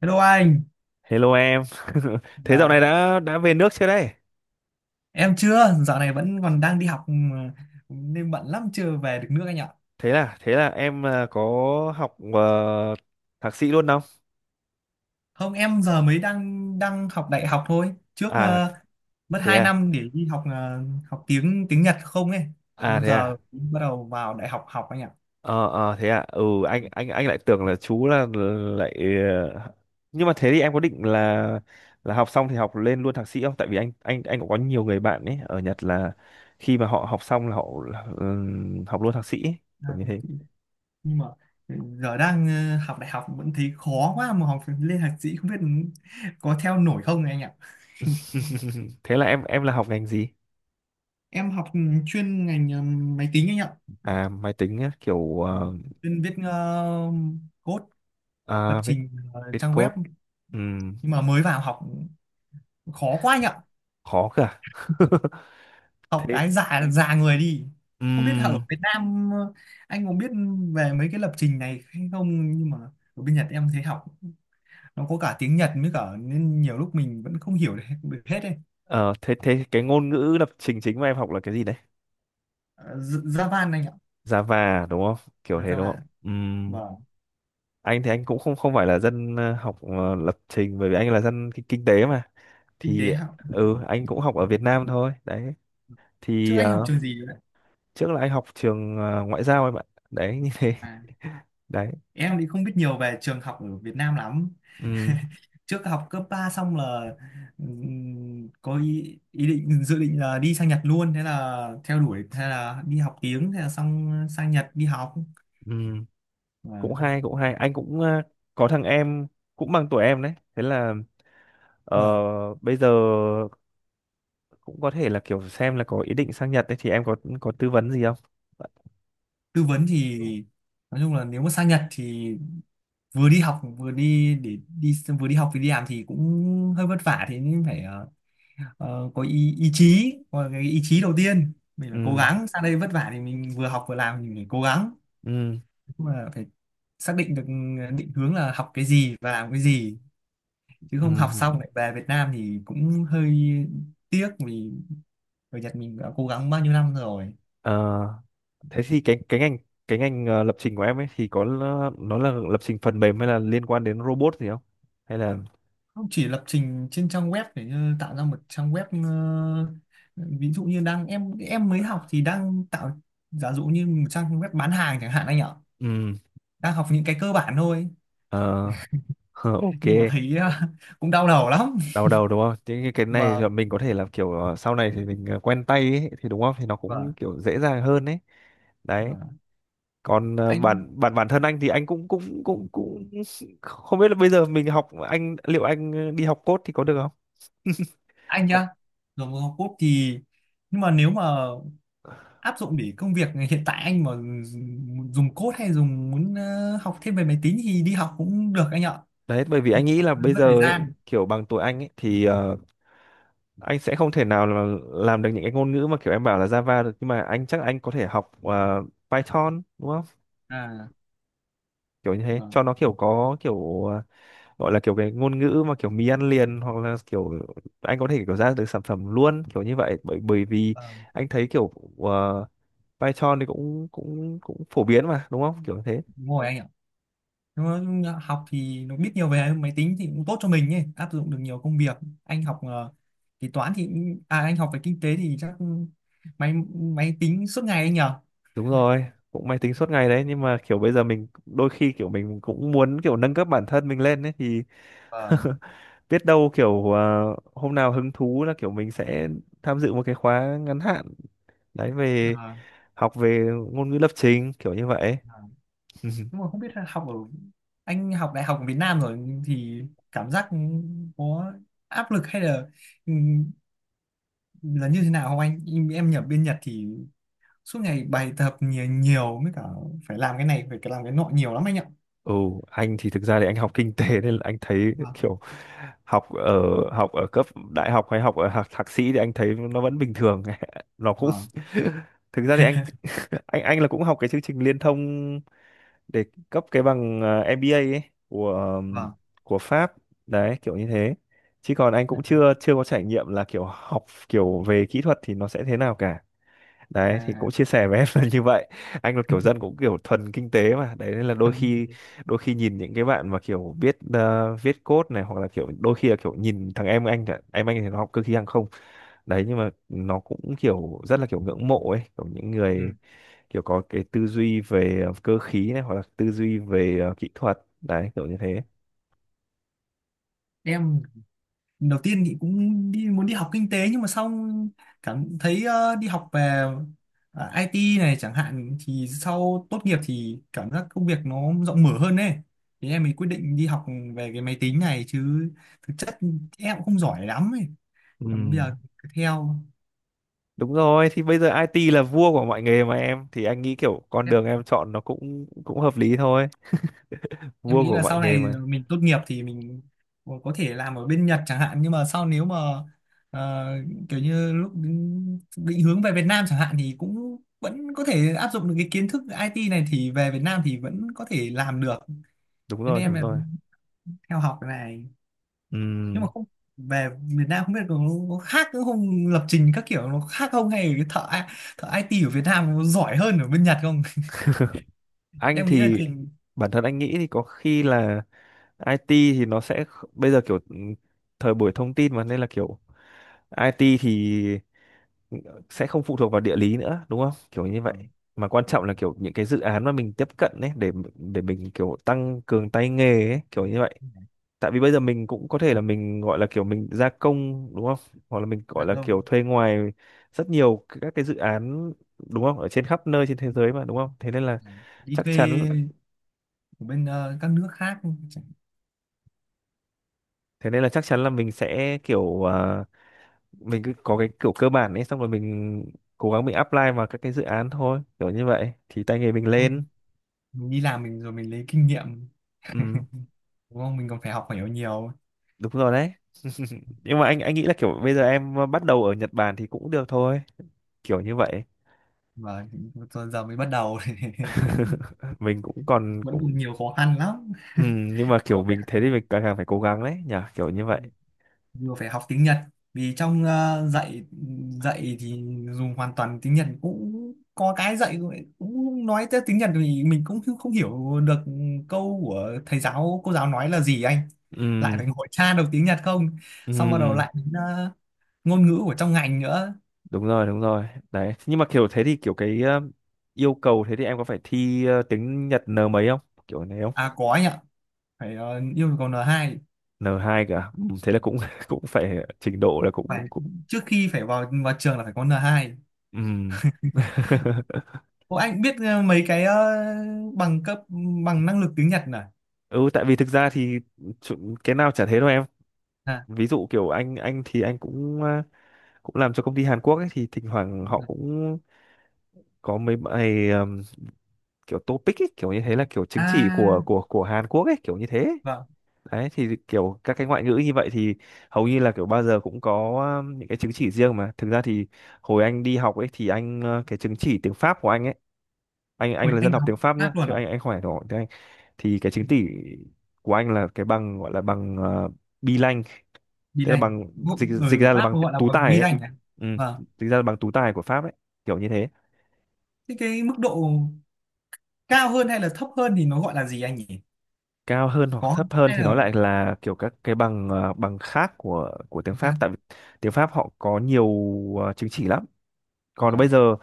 Hello anh. Hello em. Thế dạo này À, đã về nước chưa đây? em chưa, dạo này vẫn còn đang đi học mà nên bận lắm, chưa về được nước anh ạ. Thế là em à, có học thạc sĩ luôn không? Không, em giờ mới đang đang học đại học thôi. Trước À mất thế 2 à. năm để đi học, học tiếng tiếng Nhật không ấy. À Nên thế à. giờ bắt đầu vào đại học học anh ạ. Ờ ờ thế à. Ừ, anh lại tưởng là chú là lại ờ, nhưng mà thế thì em có định là học xong thì học lên luôn thạc sĩ không? Tại vì anh cũng có nhiều người bạn ấy ở Nhật là khi mà họ học xong là họ học luôn thạc sĩ ấy, À, kiểu như thế. nhưng mà giờ đang học đại học vẫn thấy khó quá, mà học lên thạc sĩ không biết có theo nổi không này anh ạ. thế là em là học ngành gì? Em học chuyên ngành máy tính anh ạ. À máy tính á, kiểu Vâng. Chuyên viết code, lập à, trình viết trang web, code. Ừm, nhưng mà mới vào học khó quá anh ạ, khó cơ à? học thế cái già già người đi. Không biết ở ừm, Việt Nam anh có biết về mấy cái lập trình này hay không, nhưng mà ở bên Nhật em thấy học nó có cả tiếng Nhật mới cả nên nhiều lúc mình vẫn không hiểu được được hết ấy. ờ, thế thế cái ngôn ngữ lập trình chính mà em học là cái gì đấy? Java anh ạ. Java à, đúng không, kiểu À, thế đúng Java, không? Vâng. Anh thì anh cũng không không phải là dân học lập trình bởi vì anh là dân kinh, kinh tế mà Kinh tế thì học. ừ, anh cũng học ở Việt Nam thôi đấy Trước thì anh học trường gì rồi đấy? trước là anh học trường ngoại giao em ạ, đấy như thế. À, đấy. em thì không biết nhiều về trường học ở Việt Nam lắm. Ừm, Trước học cấp 3 xong là có ý định, dự định là đi sang Nhật luôn, thế là theo đuổi, thế là đi học tiếng, thế là xong sang Nhật đi học. ừm, cũng Vâng, hay, cũng hay, anh cũng có thằng em cũng bằng tuổi em đấy thế là Ờ, vâng. bây giờ cũng có thể là kiểu xem là có ý định sang Nhật đấy thì em có tư vấn gì không? Tư vấn thì nói chung là nếu mà sang Nhật thì vừa đi học vừa đi làm thì cũng hơi vất vả, thế nhưng phải có cái ý chí đầu tiên, mình phải cố Ừ, gắng sang đây vất vả thì mình vừa học vừa làm mình phải cố gắng, ừ, mà phải xác định được định hướng là học cái gì và làm cái gì, chứ ừ. không học xong lại về Việt Nam thì cũng hơi tiếc vì ở Nhật mình đã cố gắng bao nhiêu năm rồi. Ờ, thế thì cái cái ngành lập trình của em ấy thì có l- nó là lập trình phần mềm hay là liên quan đến robot gì không? Hay là Không, chỉ lập trình trên trang web để như tạo ra một trang web. Ờ, Ví dụ như đang em mới học thì đang tạo giả dụ như một trang web bán hàng chẳng hạn anh ạ. ừ, Đang học những cái cơ bản thôi, ờ, hờ, ok, nhưng mà thấy cũng đau đầu lắm. đau đầu đúng không? Thế cái này là Vâng, mình có thể là kiểu sau này thì mình quen tay ấy, thì đúng không? Thì nó vâng, cũng kiểu dễ dàng hơn ấy. Đấy. vâng. Còn anh bản bản bản thân anh thì anh cũng cũng cũng cũng không biết là bây giờ mình học anh liệu anh đi học code thì có được không anh học nhá, rồi một học code thì, nhưng mà nếu mà áp dụng để công việc hiện tại anh mà dùng dùng code hay dùng muốn học thêm về máy tính thì đi học cũng được anh ạ. đấy bởi vì Nhưng anh nghĩ mà là hơi bây mất thời giờ ấy gian. kiểu bằng tuổi anh ấy thì anh sẽ không thể nào là làm được những cái ngôn ngữ mà kiểu em bảo là Java được, nhưng mà anh chắc anh có thể học Python đúng không, À, kiểu như thế vâng, cho nó kiểu có kiểu gọi là kiểu cái ngôn ngữ mà kiểu mì ăn liền hoặc là kiểu anh có thể kiểu ra được sản phẩm luôn kiểu như vậy bởi bởi vì vâng, anh thấy kiểu ờ, Python thì cũng cũng cũng phổ biến mà đúng không kiểu thế. đúng rồi anh ạ. Nhưng mà học thì nó biết nhiều về máy tính thì cũng tốt cho mình ấy, áp dụng được nhiều công việc. Anh học ờ, thì toán thì cũng- à Anh học về kinh tế thì chắc máy máy tính suốt ngày anh nhỉ. Đúng rồi, cũng máy tính suốt ngày đấy, nhưng mà kiểu bây giờ mình đôi khi kiểu mình cũng muốn kiểu nâng cấp bản thân mình lên ấy thì Vâng. biết đâu kiểu à, hôm nào hứng thú là kiểu mình sẽ tham dự một cái khóa ngắn hạn đấy về À, học về ngôn ngữ lập trình kiểu như vậy. nhưng mà không biết là học ở anh học đại học ở Việt Nam rồi thì cảm giác có áp lực, hay ừm, là như thế nào không anh. Em nhập bên Nhật thì suốt ngày bài tập nhiều nhiều mới cả, phải làm cái này phải làm cái nọ nhiều lắm anh ạ. Ừ anh thì thực ra thì anh học kinh tế nên là anh thấy Vâng, kiểu học ở học ở cấp đại học hay học ở học thạc sĩ thì anh thấy nó vẫn bình thường, nó cũng vâng, thực ra thì anh là cũng học cái chương trình liên thông để cấp cái bằng MBA ấy của ờm, vâng. của Pháp đấy kiểu như thế, chứ còn anh cũng À, chưa chưa có trải nghiệm là kiểu học kiểu về kỹ thuật thì nó sẽ thế nào cả. Đấy thì cũng à. chia sẻ với em là như vậy, anh là kiểu dân cũng kiểu thuần kinh tế mà đấy, nên là đôi Phần kinh khi tế. đôi khi nhìn những cái bạn mà kiểu biết viết code này hoặc là kiểu đôi khi là kiểu nhìn thằng em anh chẳng- em anh thì nó học cơ khí hàng không đấy, nhưng mà nó cũng kiểu rất là kiểu ngưỡng mộ ấy kiểu những Ừ. người kiểu có cái tư duy về cơ khí này hoặc là tư duy về kỹ thuật đấy kiểu như thế. Em đầu tiên thì cũng muốn đi học kinh tế, nhưng mà sau cảm thấy đi học về IT này chẳng hạn thì sau tốt nghiệp thì cảm giác công việc nó rộng mở hơn đấy, thế em mới quyết định đi học về cái máy tính này. Chứ thực chất em cũng không giỏi lắm ấy, Ừ. còn bây giờ cứ theo. Đúng rồi, thì bây giờ IT là vua của mọi nghề mà em, thì anh nghĩ kiểu con đường em chọn nó cũng cũng hợp lý thôi, Em vua nghĩ của là mọi sau nghề này mà. mình tốt nghiệp thì mình có thể làm ở bên Nhật chẳng hạn, nhưng mà sau nếu mà ờ, kiểu như lúc định định hướng về Việt Nam chẳng hạn thì cũng vẫn có thể áp dụng được cái kiến thức IT này thì về Việt Nam thì vẫn có thể làm được, Đúng thế nên rồi, em đúng là rồi. theo học cái này. Nhưng mà Ừm, không, về Việt Nam không biết có khác nữa không, lập trình các kiểu nó khác không, hay là cái thợ thợ IT ở Việt Nam nó giỏi hơn ở bên Nhật không. anh Em nghĩ là thì trình. bản thân anh nghĩ thì có khi là IT thì nó sẽ kh- bây giờ kiểu thời buổi thông tin mà nên là kiểu IT thì sẽ không phụ thuộc vào địa lý nữa đúng không kiểu như Ừ. vậy, mà quan trọng là kiểu những cái dự án mà mình tiếp cận ấy để mình kiểu tăng cường tay nghề ấy kiểu như vậy, tại vì bây giờ mình cũng có thể là mình gọi là kiểu mình gia công đúng không, hoặc là mình gọi Là là kiểu không. thuê ngoài rất nhiều các cái dự án đúng không ở trên khắp nơi trên Ừ. thế giới mà đúng không, thế nên là Đi chắc thuê chắn, của bên các nước khác chẳng-. Là mình sẽ kiểu à, mình cứ có cái kiểu cơ bản ấy xong rồi mình cố gắng mình apply vào các cái dự án thôi kiểu như vậy thì tay nghề mình lên. Xong mình đi làm mình rồi mình lấy kinh nghiệm, Ừ, đúng không, mình còn phải học hiểu nhiều. đúng rồi đấy, nhưng mà anh nghĩ là kiểu bây giờ em bắt đầu ở Nhật Bản thì cũng được thôi kiểu như vậy. Và giờ giờ mới bắt đầu. mình cũng còn Vẫn còn cũng nhiều khó khăn lắm. ừ, nhưng mà Vừa kiểu phải mình thế học, thì mình càng càng phải cố gắng đấy nhỉ kiểu như vậy. vừa phải học tiếng Nhật vì trong dạy dạy thì dùng hoàn toàn tiếng Nhật. Cũng có cái dạy cũng cũng nói tới tiếng Nhật thì mình cũng không không hiểu được câu của thầy giáo cô giáo nói là gì anh, lại Ừ, phải ngồi tra được tiếng Nhật không, ừ, xong bắt đầu ừ, lại đến ngôn ngữ của trong ngành nữa. đúng rồi, đúng rồi đấy, nhưng mà kiểu thế thì kiểu cái yêu cầu thế thì em có phải thi tiếng Nhật N mấy không, kiểu này không? À, có anh ạ, phải yêu cầu N2. N hai cả ừ, thế là cũng cũng phải trình độ là Phải cũng cũng trước khi phải vào vào trường là phải có N2. ừ. Ô, anh biết mấy cái bằng cấp bằng năng lực tiếng Nhật này. Ừ, tại vì thực ra thì chu- cái nào chả thế đâu em, À, ví dụ kiểu anh thì anh cũng cũng làm cho công ty Hàn Quốc ấy thì thỉnh thoảng họ được. cũng có mấy bài kiểu topic ấy, kiểu như thế là kiểu chứng chỉ À, của Hàn Quốc ấy kiểu như thế. vâng. Đấy thì kiểu các cái ngoại ngữ như vậy thì hầu như là kiểu bao giờ cũng có những cái chứng chỉ riêng mà thực ra thì hồi anh đi học ấy thì anh cái chứng chỉ tiếng Pháp của anh ấy, anh Ui, là dân anh học học tiếng Pháp Pháp nhá luôn chứ à? anh không phải, thì cái chứng chỉ của anh là cái bằng gọi là bằng uh, B-Lang, Bi tức là lành. bằng dịch dịch Người ở ra là Pháp bằng gọi là tú bằng tài bi ấy. lành này. Ừ, Vâng. dịch ra là bằng tú tài của Pháp ấy kiểu như thế. Thế cái mức độ cao hơn hay là thấp hơn thì nó gọi là gì anh nhỉ? Cao hơn hoặc Có, thấp hơn hay thì nó là lại là kiểu các cái bằng bằng khác của tiếng nó Pháp, khác? tại vì tiếng Pháp họ có nhiều chứng chỉ lắm. Còn bây Vâng. giờ,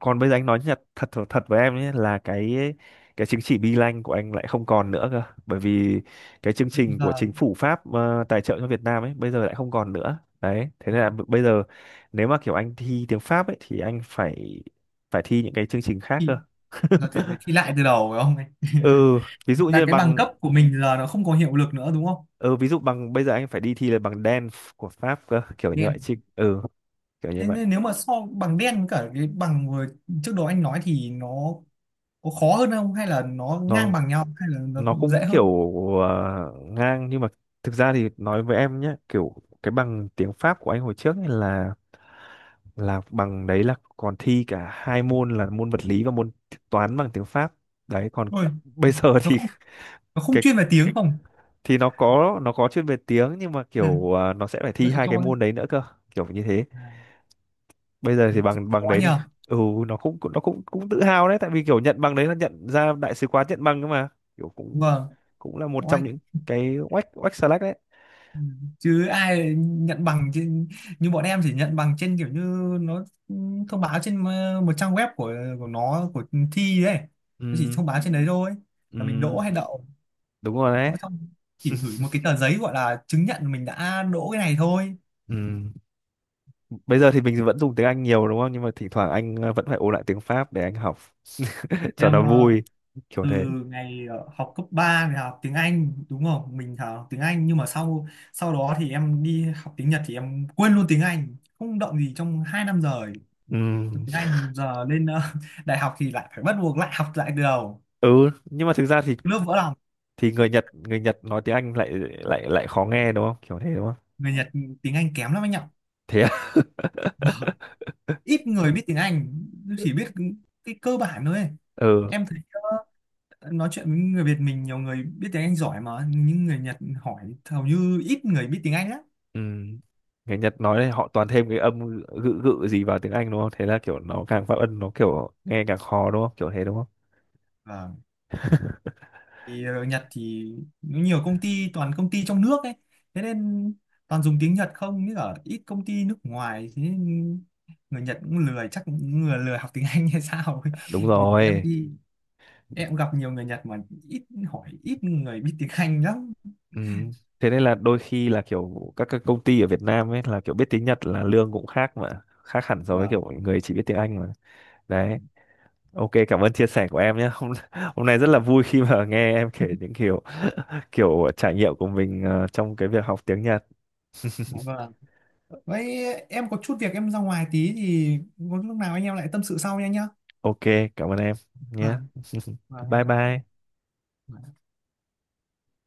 anh nói nhật thật thật thật với em nhé là cái chứng chỉ B-Lang của anh lại không còn nữa cơ, bởi vì cái chương trình của chính Giờ phủ Pháp tài trợ cho Việt Nam ấy bây giờ lại không còn nữa đấy, thế nên là b- bây giờ nếu mà kiểu anh thi tiếng Pháp ấy thì anh phải phải thi những cái chương trình khác cơ. thì giờ thì phải thi lại từ đầu phải không anh? Ừ, ví dụ Là như cái bằng bằng cấp của mình giờ nó không có hiệu lực nữa đúng không? ừ ví dụ bằng bây giờ anh phải đi thi là bằng đen của Pháp cơ kiểu như vậy Đen, chứ ừ kiểu như thế vậy. nên nếu mà so bằng đen với cả cái bằng vừa trước đó anh nói thì nó có khó hơn không, hay là nó ngang Nó, bằng nhau, hay là nó cũng dễ kiểu hơn. Ngang, nhưng mà thực ra thì nói với em nhé kiểu cái bằng tiếng Pháp của anh hồi trước ấy là bằng đấy là còn thi cả hai môn là môn vật lý và môn toán bằng tiếng Pháp, đấy còn Ôi. bây giờ nó thì không nó không cái chuyên về tiếng không. thì nó có, nó có chuyên về tiếng, nhưng mà Ừ. kiểu nó sẽ phải thi Vậy hai cái cho anh. môn đấy nữa cơ kiểu như thế. À, Bây giờ thế thì thì bằng khó bằng đấy thì nhờ. ừ, nó cũng cũng tự hào đấy tại vì kiểu nhận bằng đấy là nhận ra đại sứ quán nhận bằng cơ mà, kiểu cũng Vâng. cũng là một trong Oai. những cái oách oách xà lách đấy. Ừ. Chứ ai nhận bằng trên, như bọn em chỉ nhận bằng trên kiểu như nó thông báo trên một trang web của thi đấy. Nó chỉ Ừ, thông báo trên đấy thôi ừ, là mình đỗ hay đậu. đúng rồi đấy. Nói xong chỉ gửi một cái tờ giấy gọi là chứng nhận mình đã đỗ cái này thôi. Ừ. Bây giờ thì mình vẫn dùng tiếng Anh nhiều đúng không? Nhưng mà thỉnh thoảng anh vẫn phải ôn lại tiếng Pháp để anh học cho Em nó vui kiểu từ thế. ngày học cấp 3 thì học tiếng Anh đúng không, mình học tiếng Anh, nhưng mà sau sau đó thì em đi học tiếng Nhật thì em quên luôn tiếng Anh, không động gì trong 2 năm rồi. Ừ. Tiếng Anh giờ lên đại học thì lại phải bắt buộc lại học lại từ đầu, Ừ, nhưng mà thực ra thì lớp vỡ lòng. Người Nhật, người Nhật nói tiếng Anh lại lại lại khó nghe đúng không? Kiểu thế đúng không? Người Nhật tiếng Anh kém lắm anh ạ. Thế à? Vâng. Ít người biết tiếng Anh, chỉ biết cái cơ bản thôi ấy. ừ, Em thấy nói chuyện với người Việt mình nhiều người biết tiếng Anh giỏi, mà những người Nhật hỏi hầu như ít người biết tiếng Anh lắm. ừ. Người Nhật nói thì họ toàn thêm cái âm gự gự gì vào tiếng Anh đúng không? Thế là kiểu nó càng phát âm nó kiểu nghe càng khó đúng không? Kiểu thế đúng không? Vâng. Thì ở Nhật thì nó nhiều công ty toàn công ty trong nước ấy, thế nên toàn dùng tiếng Nhật, không như ở ít công ty nước ngoài, thế nên người Nhật cũng lười, chắc cũng người lười học tiếng Anh hay sao ấy. Đúng Vì em rồi. đi em gặp nhiều người Nhật mà ít, hỏi ít người biết tiếng Anh lắm. Ừ. Thế nên là đôi khi là kiểu các công ty ở Việt Nam ấy là kiểu biết tiếng Nhật là lương cũng khác mà khác hẳn so với Vâng, kiểu người chỉ biết tiếng Anh mà đấy. Ok, cảm ơn chia sẻ của em nhé. hôm hôm nay rất là vâng. vui khi mà nghe em kể những kiểu kiểu trải nghiệm của mình trong cái việc học tiếng Nhật. Dạ vâng. Vậy em có chút việc em ra ngoài tí thì có lúc nào anh em lại tâm sự sau nha anh nhá. Ok, cảm ơn em nhé. Vâng, vâng em bye chào anh. bye Dạ.